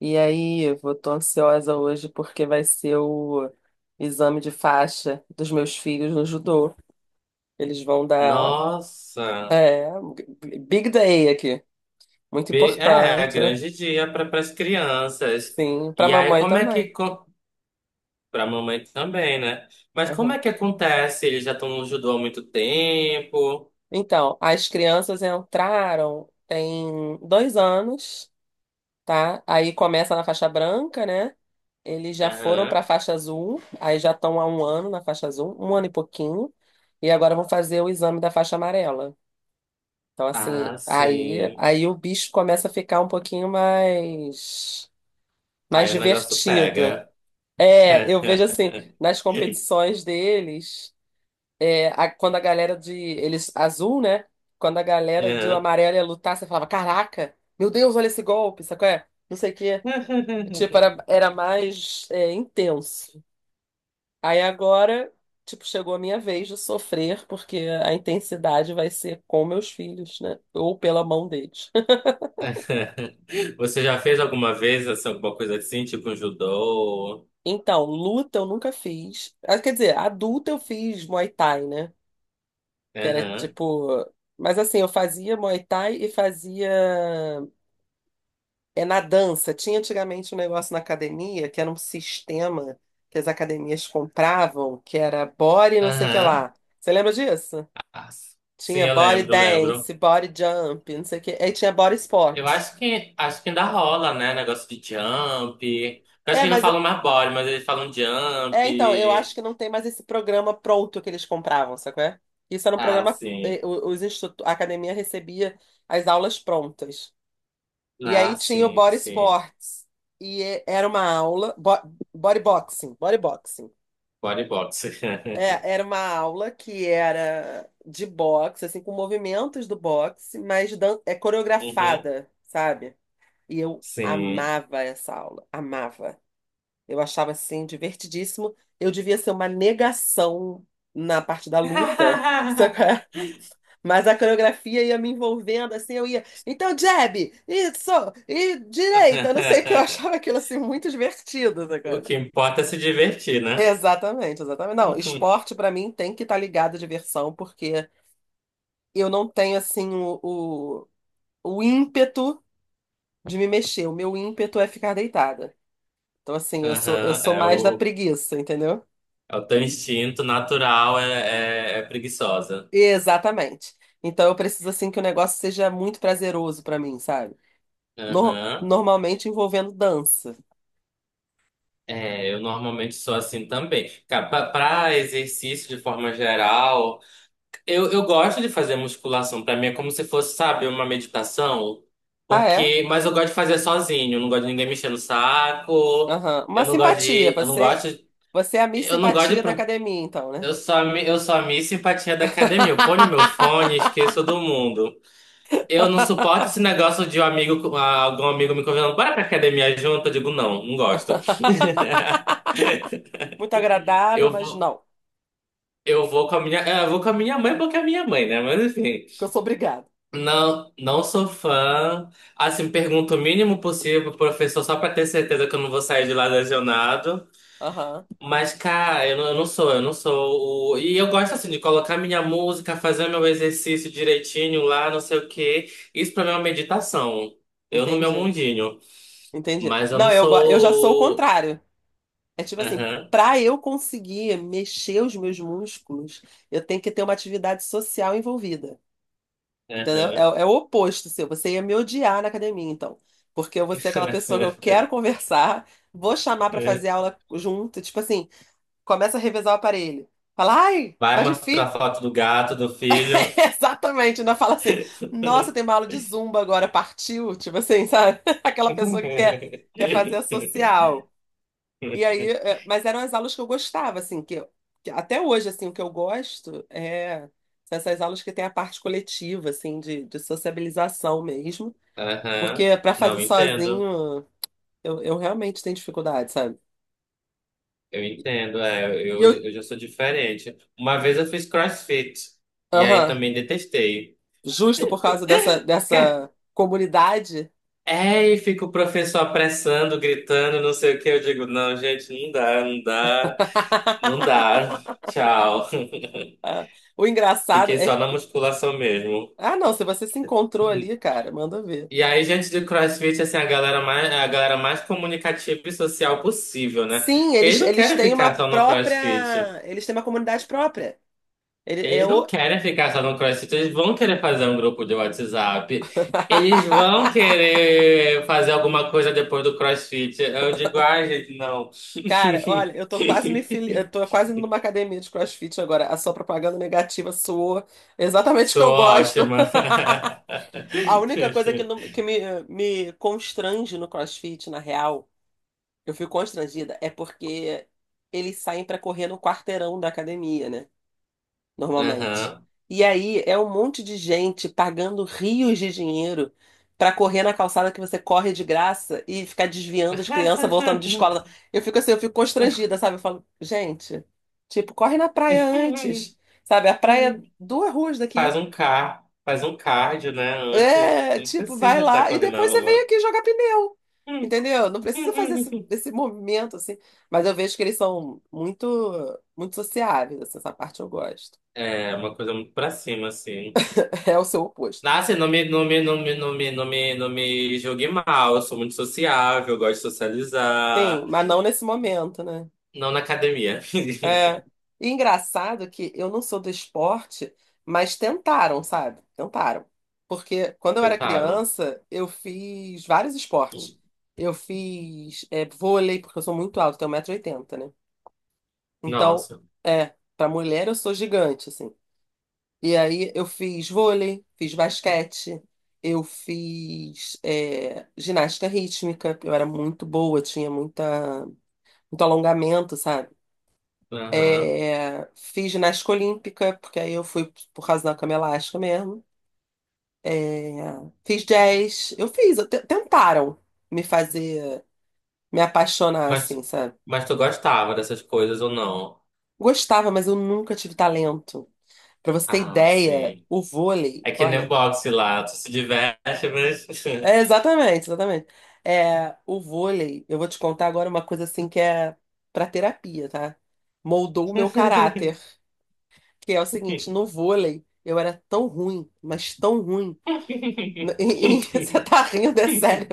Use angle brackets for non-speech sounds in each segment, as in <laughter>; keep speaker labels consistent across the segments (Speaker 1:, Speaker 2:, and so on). Speaker 1: E aí, tô ansiosa hoje porque vai ser o exame de faixa dos meus filhos no judô. Eles vão dar,
Speaker 2: Nossa,
Speaker 1: é, big day aqui, muito
Speaker 2: É
Speaker 1: importante, né?
Speaker 2: grande dia para as crianças.
Speaker 1: Sim, para
Speaker 2: E aí,
Speaker 1: mamãe
Speaker 2: como é
Speaker 1: também.
Speaker 2: que para a mamãe também, né? Mas como
Speaker 1: Aham.
Speaker 2: é que acontece? Eles já estão no judô há muito tempo.
Speaker 1: Então, as crianças entraram tem 2 anos, tá? Aí começa na faixa branca, né? Eles já foram para
Speaker 2: Aham.
Speaker 1: faixa azul, aí já estão há 1 ano na faixa azul, 1 ano e pouquinho, e agora vão fazer o exame da faixa amarela. Então, assim,
Speaker 2: Ah,
Speaker 1: aí,
Speaker 2: sim.
Speaker 1: aí o bicho começa a ficar um pouquinho mais, mais
Speaker 2: Aí o negócio
Speaker 1: divertido.
Speaker 2: pega.
Speaker 1: É, eu
Speaker 2: <laughs>
Speaker 1: vejo assim, nas competições deles, é, quando a galera de. Eles, azul, né? Quando a galera de
Speaker 2: Aham.
Speaker 1: amarelo ia lutar, você falava: Caraca, meu Deus, olha esse golpe, sabe qual é? Não sei o quê. Tipo,
Speaker 2: <laughs>
Speaker 1: era mais, é, intenso. Aí agora, tipo, chegou a minha vez de sofrer, porque a intensidade vai ser com meus filhos, né? Ou pela mão deles.
Speaker 2: Você já fez alguma vez assim, alguma coisa assim, tipo um judô?
Speaker 1: Então, luta eu nunca fiz. Ah, quer dizer, adulta eu fiz Muay Thai, né? Que era
Speaker 2: Aham.
Speaker 1: tipo. Mas assim, eu fazia Muay Thai e fazia. É na dança. Tinha antigamente um negócio na academia que era um sistema que as academias compravam, que era body não sei o que
Speaker 2: Aham.
Speaker 1: lá. Você lembra disso?
Speaker 2: Ah, sim,
Speaker 1: Tinha
Speaker 2: eu
Speaker 1: body
Speaker 2: lembro,
Speaker 1: dance,
Speaker 2: lembro.
Speaker 1: body jump, não sei o que. Aí tinha body
Speaker 2: Eu
Speaker 1: sport.
Speaker 2: acho que ainda rola, né? Negócio de jump. Eu acho
Speaker 1: É,
Speaker 2: que eles não
Speaker 1: mas
Speaker 2: falam mais body, mas eles falam jump.
Speaker 1: é, então, eu acho que não tem mais esse programa pronto que eles compravam, sacou? É? Isso era um
Speaker 2: Ah,
Speaker 1: programa.
Speaker 2: sim.
Speaker 1: A academia recebia as aulas prontas. E
Speaker 2: Ah,
Speaker 1: aí tinha o
Speaker 2: sim,
Speaker 1: Body
Speaker 2: sim.
Speaker 1: Sports. E era uma aula. Body Boxing. Body Boxing.
Speaker 2: Bodybox. <laughs>
Speaker 1: É, era uma aula que era de boxe, assim, com movimentos do boxe, mas é
Speaker 2: Uhum.
Speaker 1: coreografada, sabe? E eu
Speaker 2: Sim.
Speaker 1: amava essa aula. Amava. Eu achava assim divertidíssimo. Eu devia ser uma negação na parte da luta, <laughs> só que
Speaker 2: <laughs>
Speaker 1: mas a coreografia ia me envolvendo assim, eu ia, então jab, isso, e direita, não sei o que eu achava aquilo assim muito divertido,
Speaker 2: O
Speaker 1: sabe?
Speaker 2: que importa é se divertir, né?
Speaker 1: Exatamente, exatamente. Não,
Speaker 2: Uhum.
Speaker 1: esporte pra mim tem que estar ligado à diversão, porque eu não tenho assim o ímpeto de me mexer. O meu ímpeto é ficar deitada. Então assim, eu sou eu
Speaker 2: Aham,
Speaker 1: sou mais da preguiça, entendeu?
Speaker 2: É o teu instinto natural, é preguiçosa.
Speaker 1: Exatamente. Então eu preciso assim que o negócio seja muito prazeroso pra mim, sabe?
Speaker 2: Aham.
Speaker 1: Normalmente envolvendo dança.
Speaker 2: É, eu normalmente sou assim também. Cara, para exercício de forma geral. Eu gosto de fazer musculação. Pra mim é como se fosse, sabe, uma meditação.
Speaker 1: Ah, é?
Speaker 2: Porque, mas eu gosto de fazer sozinho. Eu não gosto de ninguém mexendo no saco.
Speaker 1: Aham.
Speaker 2: Eu
Speaker 1: Uma
Speaker 2: não gosto
Speaker 1: simpatia.
Speaker 2: de, eu não gosto,
Speaker 1: Você é a Miss
Speaker 2: eu não gosto de,
Speaker 1: Simpatia da
Speaker 2: pro-
Speaker 1: academia, então, né?
Speaker 2: eu sou a Miss Simpatia da academia. Eu ponho meu fone e
Speaker 1: <laughs>
Speaker 2: esqueço do mundo. Eu não suporto esse negócio de um amigo, algum amigo me convidando, bora pra academia junto. Eu digo, não, não gosto. <laughs>
Speaker 1: Muito agradável,
Speaker 2: Eu
Speaker 1: mas
Speaker 2: vou,
Speaker 1: não.
Speaker 2: eu vou com a minha mãe porque é a minha mãe, né? Mas enfim.
Speaker 1: Porque eu sou obrigada.
Speaker 2: Não, não sou fã. Assim, pergunto o mínimo possível pro professor só pra ter certeza que eu não vou sair de lá lesionado.
Speaker 1: Aham.
Speaker 2: Mas, cara, eu não sou o... E eu gosto, assim, de colocar minha música, fazer meu exercício direitinho lá, não sei o quê. Isso pra mim é uma meditação. Eu no meu
Speaker 1: Entendi.
Speaker 2: mundinho.
Speaker 1: Entendi.
Speaker 2: Mas eu
Speaker 1: Não,
Speaker 2: não
Speaker 1: eu já sou o
Speaker 2: sou... o-
Speaker 1: contrário. É tipo assim,
Speaker 2: Aham,
Speaker 1: pra eu conseguir mexer os meus músculos, eu tenho que ter uma atividade social envolvida. Entendeu?
Speaker 2: aham.
Speaker 1: É, é o oposto seu. Você ia me odiar na academia, então. Porque eu vou ser aquela pessoa que eu
Speaker 2: <laughs>
Speaker 1: quero <laughs> conversar, vou chamar pra fazer aula junto, tipo assim, começa a revezar o aparelho. Fala, ai, tá
Speaker 2: Vai mostrar
Speaker 1: difícil.
Speaker 2: foto do gato, do
Speaker 1: <laughs>
Speaker 2: filho.
Speaker 1: Exatamente, não fala assim, nossa, tem uma aula de zumba agora, partiu. Tipo assim, sabe? <laughs> Aquela pessoa que quer, quer fazer a
Speaker 2: <laughs>
Speaker 1: social. E aí, é, mas eram as aulas que eu gostava, assim, que até hoje, assim, o que eu gosto é. São essas aulas que tem a parte coletiva, assim, de sociabilização mesmo.
Speaker 2: Aham.
Speaker 1: Porque pra fazer
Speaker 2: Não, entendo.
Speaker 1: sozinho, eu realmente tenho dificuldade, sabe?
Speaker 2: Eu entendo. É,
Speaker 1: E eu,
Speaker 2: eu já sou diferente. Uma vez eu fiz CrossFit. E aí
Speaker 1: aham,
Speaker 2: também detestei.
Speaker 1: justo por causa
Speaker 2: Quê?
Speaker 1: dessa comunidade.
Speaker 2: É, e fica o professor apressando, gritando, não sei o que. Eu digo, não, gente, não
Speaker 1: <laughs>
Speaker 2: dá. Tchau.
Speaker 1: Ah, o
Speaker 2: <laughs>
Speaker 1: engraçado
Speaker 2: Fiquei
Speaker 1: é
Speaker 2: só na
Speaker 1: que.
Speaker 2: musculação mesmo.
Speaker 1: Ah, não, se você se encontrou ali, cara, manda ver.
Speaker 2: E aí, gente do CrossFit, assim, a galera mais comunicativa e social possível, né?
Speaker 1: Sim,
Speaker 2: Porque eles não
Speaker 1: eles
Speaker 2: querem
Speaker 1: têm uma
Speaker 2: ficar só no
Speaker 1: própria.
Speaker 2: CrossFit.
Speaker 1: Eles têm uma comunidade própria. Ele é
Speaker 2: Eles não
Speaker 1: o.
Speaker 2: querem ficar só no CrossFit, eles vão querer fazer um grupo de WhatsApp. Eles vão
Speaker 1: <laughs>
Speaker 2: querer fazer alguma coisa depois do CrossFit. Eu digo, ai, gente, não. <laughs>
Speaker 1: Cara, olha, eu tô quase indo numa academia de CrossFit agora. A sua propaganda negativa soou exatamente o que
Speaker 2: Sou
Speaker 1: eu
Speaker 2: ótima.
Speaker 1: gosto.
Speaker 2: <laughs>
Speaker 1: A única coisa que me constrange no CrossFit, na real, eu fico constrangida, é porque eles saem pra correr no quarteirão da academia, né? Normalmente.
Speaker 2: Aham.
Speaker 1: E aí é um monte de gente pagando rios de dinheiro pra correr na calçada que você corre de graça e ficar desviando as crianças voltando de escola. Eu fico assim, eu fico constrangida,
Speaker 2: <laughs>
Speaker 1: sabe? Eu falo, gente, tipo, corre na praia antes, sabe? A praia é 2 ruas daqui.
Speaker 2: Faz um cardio, né? Antes,
Speaker 1: É,
Speaker 2: não
Speaker 1: tipo, vai
Speaker 2: precisa estar
Speaker 1: lá e
Speaker 2: correndo na
Speaker 1: depois você vem
Speaker 2: rua.
Speaker 1: aqui jogar pneu. Entendeu? Não precisa fazer
Speaker 2: <laughs>
Speaker 1: esse movimento assim, mas eu vejo que eles são muito muito sociáveis, assim, essa parte eu gosto.
Speaker 2: É uma coisa muito pra cima, assim.
Speaker 1: <laughs> É o seu oposto.
Speaker 2: Nossa, eu não me julgue mal. Eu sou muito sociável, eu gosto de
Speaker 1: Sim,
Speaker 2: socializar.
Speaker 1: mas não nesse momento, né?
Speaker 2: Não na academia.
Speaker 1: É.
Speaker 2: <laughs>
Speaker 1: E engraçado que eu não sou do esporte, mas tentaram, sabe? Tentaram. Porque quando eu era
Speaker 2: Tentaram.
Speaker 1: criança, eu fiz vários esportes. Eu fiz é, vôlei, porque eu sou muito alto, tenho 1,80 m, né? Então,
Speaker 2: Nossa.
Speaker 1: é, pra mulher eu sou gigante, assim. E aí eu fiz vôlei, fiz basquete, eu fiz é, ginástica rítmica, eu era muito boa, tinha muita, muito alongamento, sabe?
Speaker 2: Aham.
Speaker 1: É, fiz ginástica olímpica, porque aí eu fui por causa da cama elástica mesmo. É, fiz jazz, eu fiz, tentaram me fazer, me apaixonar,
Speaker 2: Mas,
Speaker 1: assim, sabe?
Speaker 2: mas tu gostava dessas coisas ou não?
Speaker 1: Gostava, mas eu nunca tive talento. Pra você ter
Speaker 2: Ah,
Speaker 1: ideia,
Speaker 2: sim.
Speaker 1: o vôlei,
Speaker 2: É que nem
Speaker 1: olha,
Speaker 2: boxe lá. Tu se diverte, mas...
Speaker 1: é exatamente, exatamente. É, o vôlei, eu vou te contar agora uma coisa assim que é pra terapia, tá? Moldou o meu caráter,
Speaker 2: <laughs>
Speaker 1: que é o seguinte, no vôlei eu era tão ruim, mas tão ruim. <laughs> E, e você tá rindo, é sério,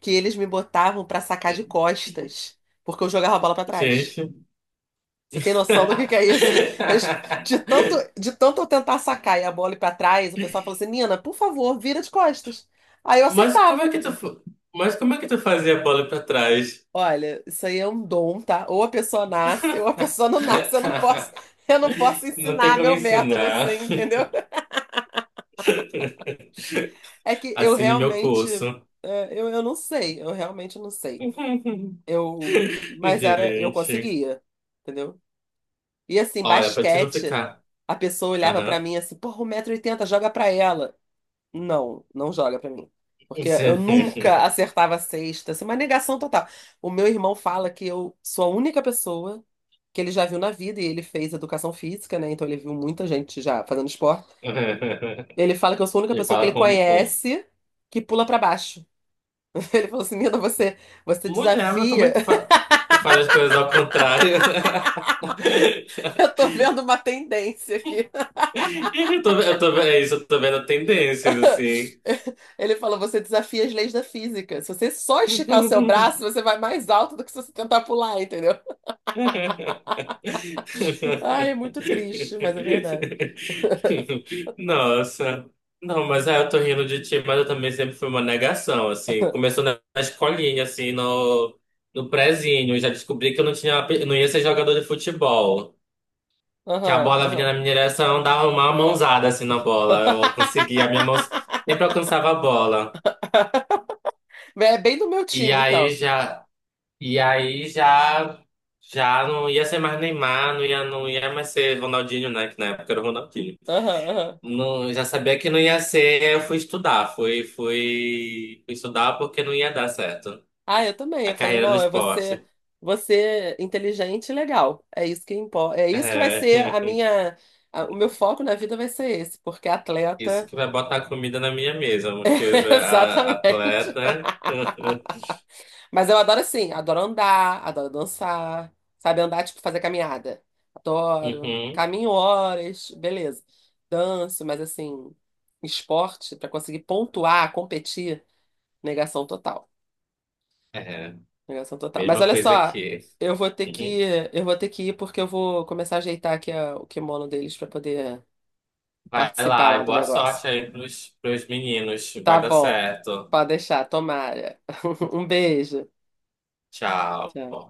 Speaker 1: que eles me botavam pra sacar de costas, porque eu jogava a bola pra trás.
Speaker 2: Gente.
Speaker 1: Você tem noção do que é isso? <laughs> Eles- de tanto,
Speaker 2: <laughs>
Speaker 1: de tanto eu tentar sacar e a bola ir pra trás, o pessoal falou assim: Nina, por favor, vira de costas. Aí eu
Speaker 2: Mas como é
Speaker 1: acertava.
Speaker 2: que tu, fa- mas como é que tu fazia a bola pra trás?
Speaker 1: Olha, isso aí é um dom, tá? Ou a pessoa nasce, ou a pessoa não <laughs> nasce.
Speaker 2: <laughs>
Speaker 1: Eu não posso
Speaker 2: Não tem
Speaker 1: ensinar
Speaker 2: como
Speaker 1: meu método assim,
Speaker 2: ensinar.
Speaker 1: entendeu? <laughs>
Speaker 2: <laughs>
Speaker 1: É que eu
Speaker 2: Assine meu
Speaker 1: realmente,
Speaker 2: curso.
Speaker 1: é, eu não sei, eu realmente não sei.
Speaker 2: <laughs>
Speaker 1: Eu, mas era, eu
Speaker 2: Gente,
Speaker 1: conseguia, entendeu? E assim,
Speaker 2: olha, pra te não
Speaker 1: basquete,
Speaker 2: ficar.
Speaker 1: a pessoa olhava pra
Speaker 2: Aham.
Speaker 1: mim assim, porra, 1,80 m, joga pra ela. Não, não joga pra mim. Porque eu nunca
Speaker 2: <laughs>
Speaker 1: acertava a cesta, assim, uma negação total. O meu irmão fala que eu sou a única pessoa que ele já viu na vida, e ele fez educação física, né? Então ele viu muita gente já fazendo esporte. Ele fala que eu sou a única
Speaker 2: E
Speaker 1: pessoa que
Speaker 2: fala
Speaker 1: ele
Speaker 2: como com
Speaker 1: conhece que pula pra baixo. <laughs> Ele falou assim: Nina, você, você
Speaker 2: mulher, mas como é
Speaker 1: desafia.
Speaker 2: que tu,
Speaker 1: <laughs>
Speaker 2: fa... tu faz as coisas ao contrário? <laughs>
Speaker 1: Eu tô vendo uma tendência aqui.
Speaker 2: É isso, eu tô vendo tendências assim.
Speaker 1: <laughs> Ele falou: você desafia as leis da física. Se você só esticar o seu
Speaker 2: <laughs>
Speaker 1: braço, você vai mais alto do que se você tentar pular, entendeu? Ai, é muito triste, mas é verdade.
Speaker 2: Nossa. Não, mas aí eu tô rindo de ti, mas eu também sempre fui uma negação, assim. Começou na escolinha, assim, no prezinho. Eu já descobri que eu não tinha, ape- não ia ser jogador de futebol. Que a
Speaker 1: Aham,
Speaker 2: bola vinha
Speaker 1: aham.
Speaker 2: na minha direção, dava uma mãozada, assim, na bola. Eu conseguia, a minha mão sempre
Speaker 1: <laughs>
Speaker 2: alcançava a bola.
Speaker 1: É bem do meu
Speaker 2: E
Speaker 1: time,
Speaker 2: aí
Speaker 1: então.
Speaker 2: já, e aí já, já não ia ser mais Neymar, não ia mais ser Ronaldinho, né? Que na época era o Ronaldinho.
Speaker 1: Aham, aham.
Speaker 2: Não, já sabia que não ia ser, fui estudar porque não ia dar certo.
Speaker 1: Ah, eu também.
Speaker 2: A
Speaker 1: Eu falei,
Speaker 2: carreira no
Speaker 1: não, é
Speaker 2: esporte.
Speaker 1: você inteligente e legal. É isso que importa. É isso que vai
Speaker 2: É,
Speaker 1: ser
Speaker 2: <laughs>
Speaker 1: o meu foco na vida vai ser esse, porque
Speaker 2: isso
Speaker 1: atleta,
Speaker 2: que vai botar comida na minha mesa,
Speaker 1: <laughs> exatamente.
Speaker 2: atleta. <laughs>
Speaker 1: Mas eu adoro assim, adoro andar, adoro dançar, sabe? Andar, tipo, fazer caminhada. Adoro.
Speaker 2: Uhum,
Speaker 1: Caminho horas, beleza. Danço, mas assim, esporte, pra conseguir pontuar, competir, negação total.
Speaker 2: é,
Speaker 1: Negação total. Mas
Speaker 2: mesma
Speaker 1: olha
Speaker 2: coisa
Speaker 1: só,
Speaker 2: aqui.
Speaker 1: eu vou ter que,
Speaker 2: Uhum.
Speaker 1: eu vou ter que ir porque eu vou começar a ajeitar aqui o kimono deles pra poder
Speaker 2: Vai
Speaker 1: participar
Speaker 2: lá
Speaker 1: lá
Speaker 2: e
Speaker 1: do
Speaker 2: boa
Speaker 1: negócio.
Speaker 2: sorte aí pros meninos.
Speaker 1: Tá
Speaker 2: Vai dar
Speaker 1: bom.
Speaker 2: certo.
Speaker 1: Pode deixar, tomara. <laughs> Um beijo.
Speaker 2: Tchau.
Speaker 1: Tchau.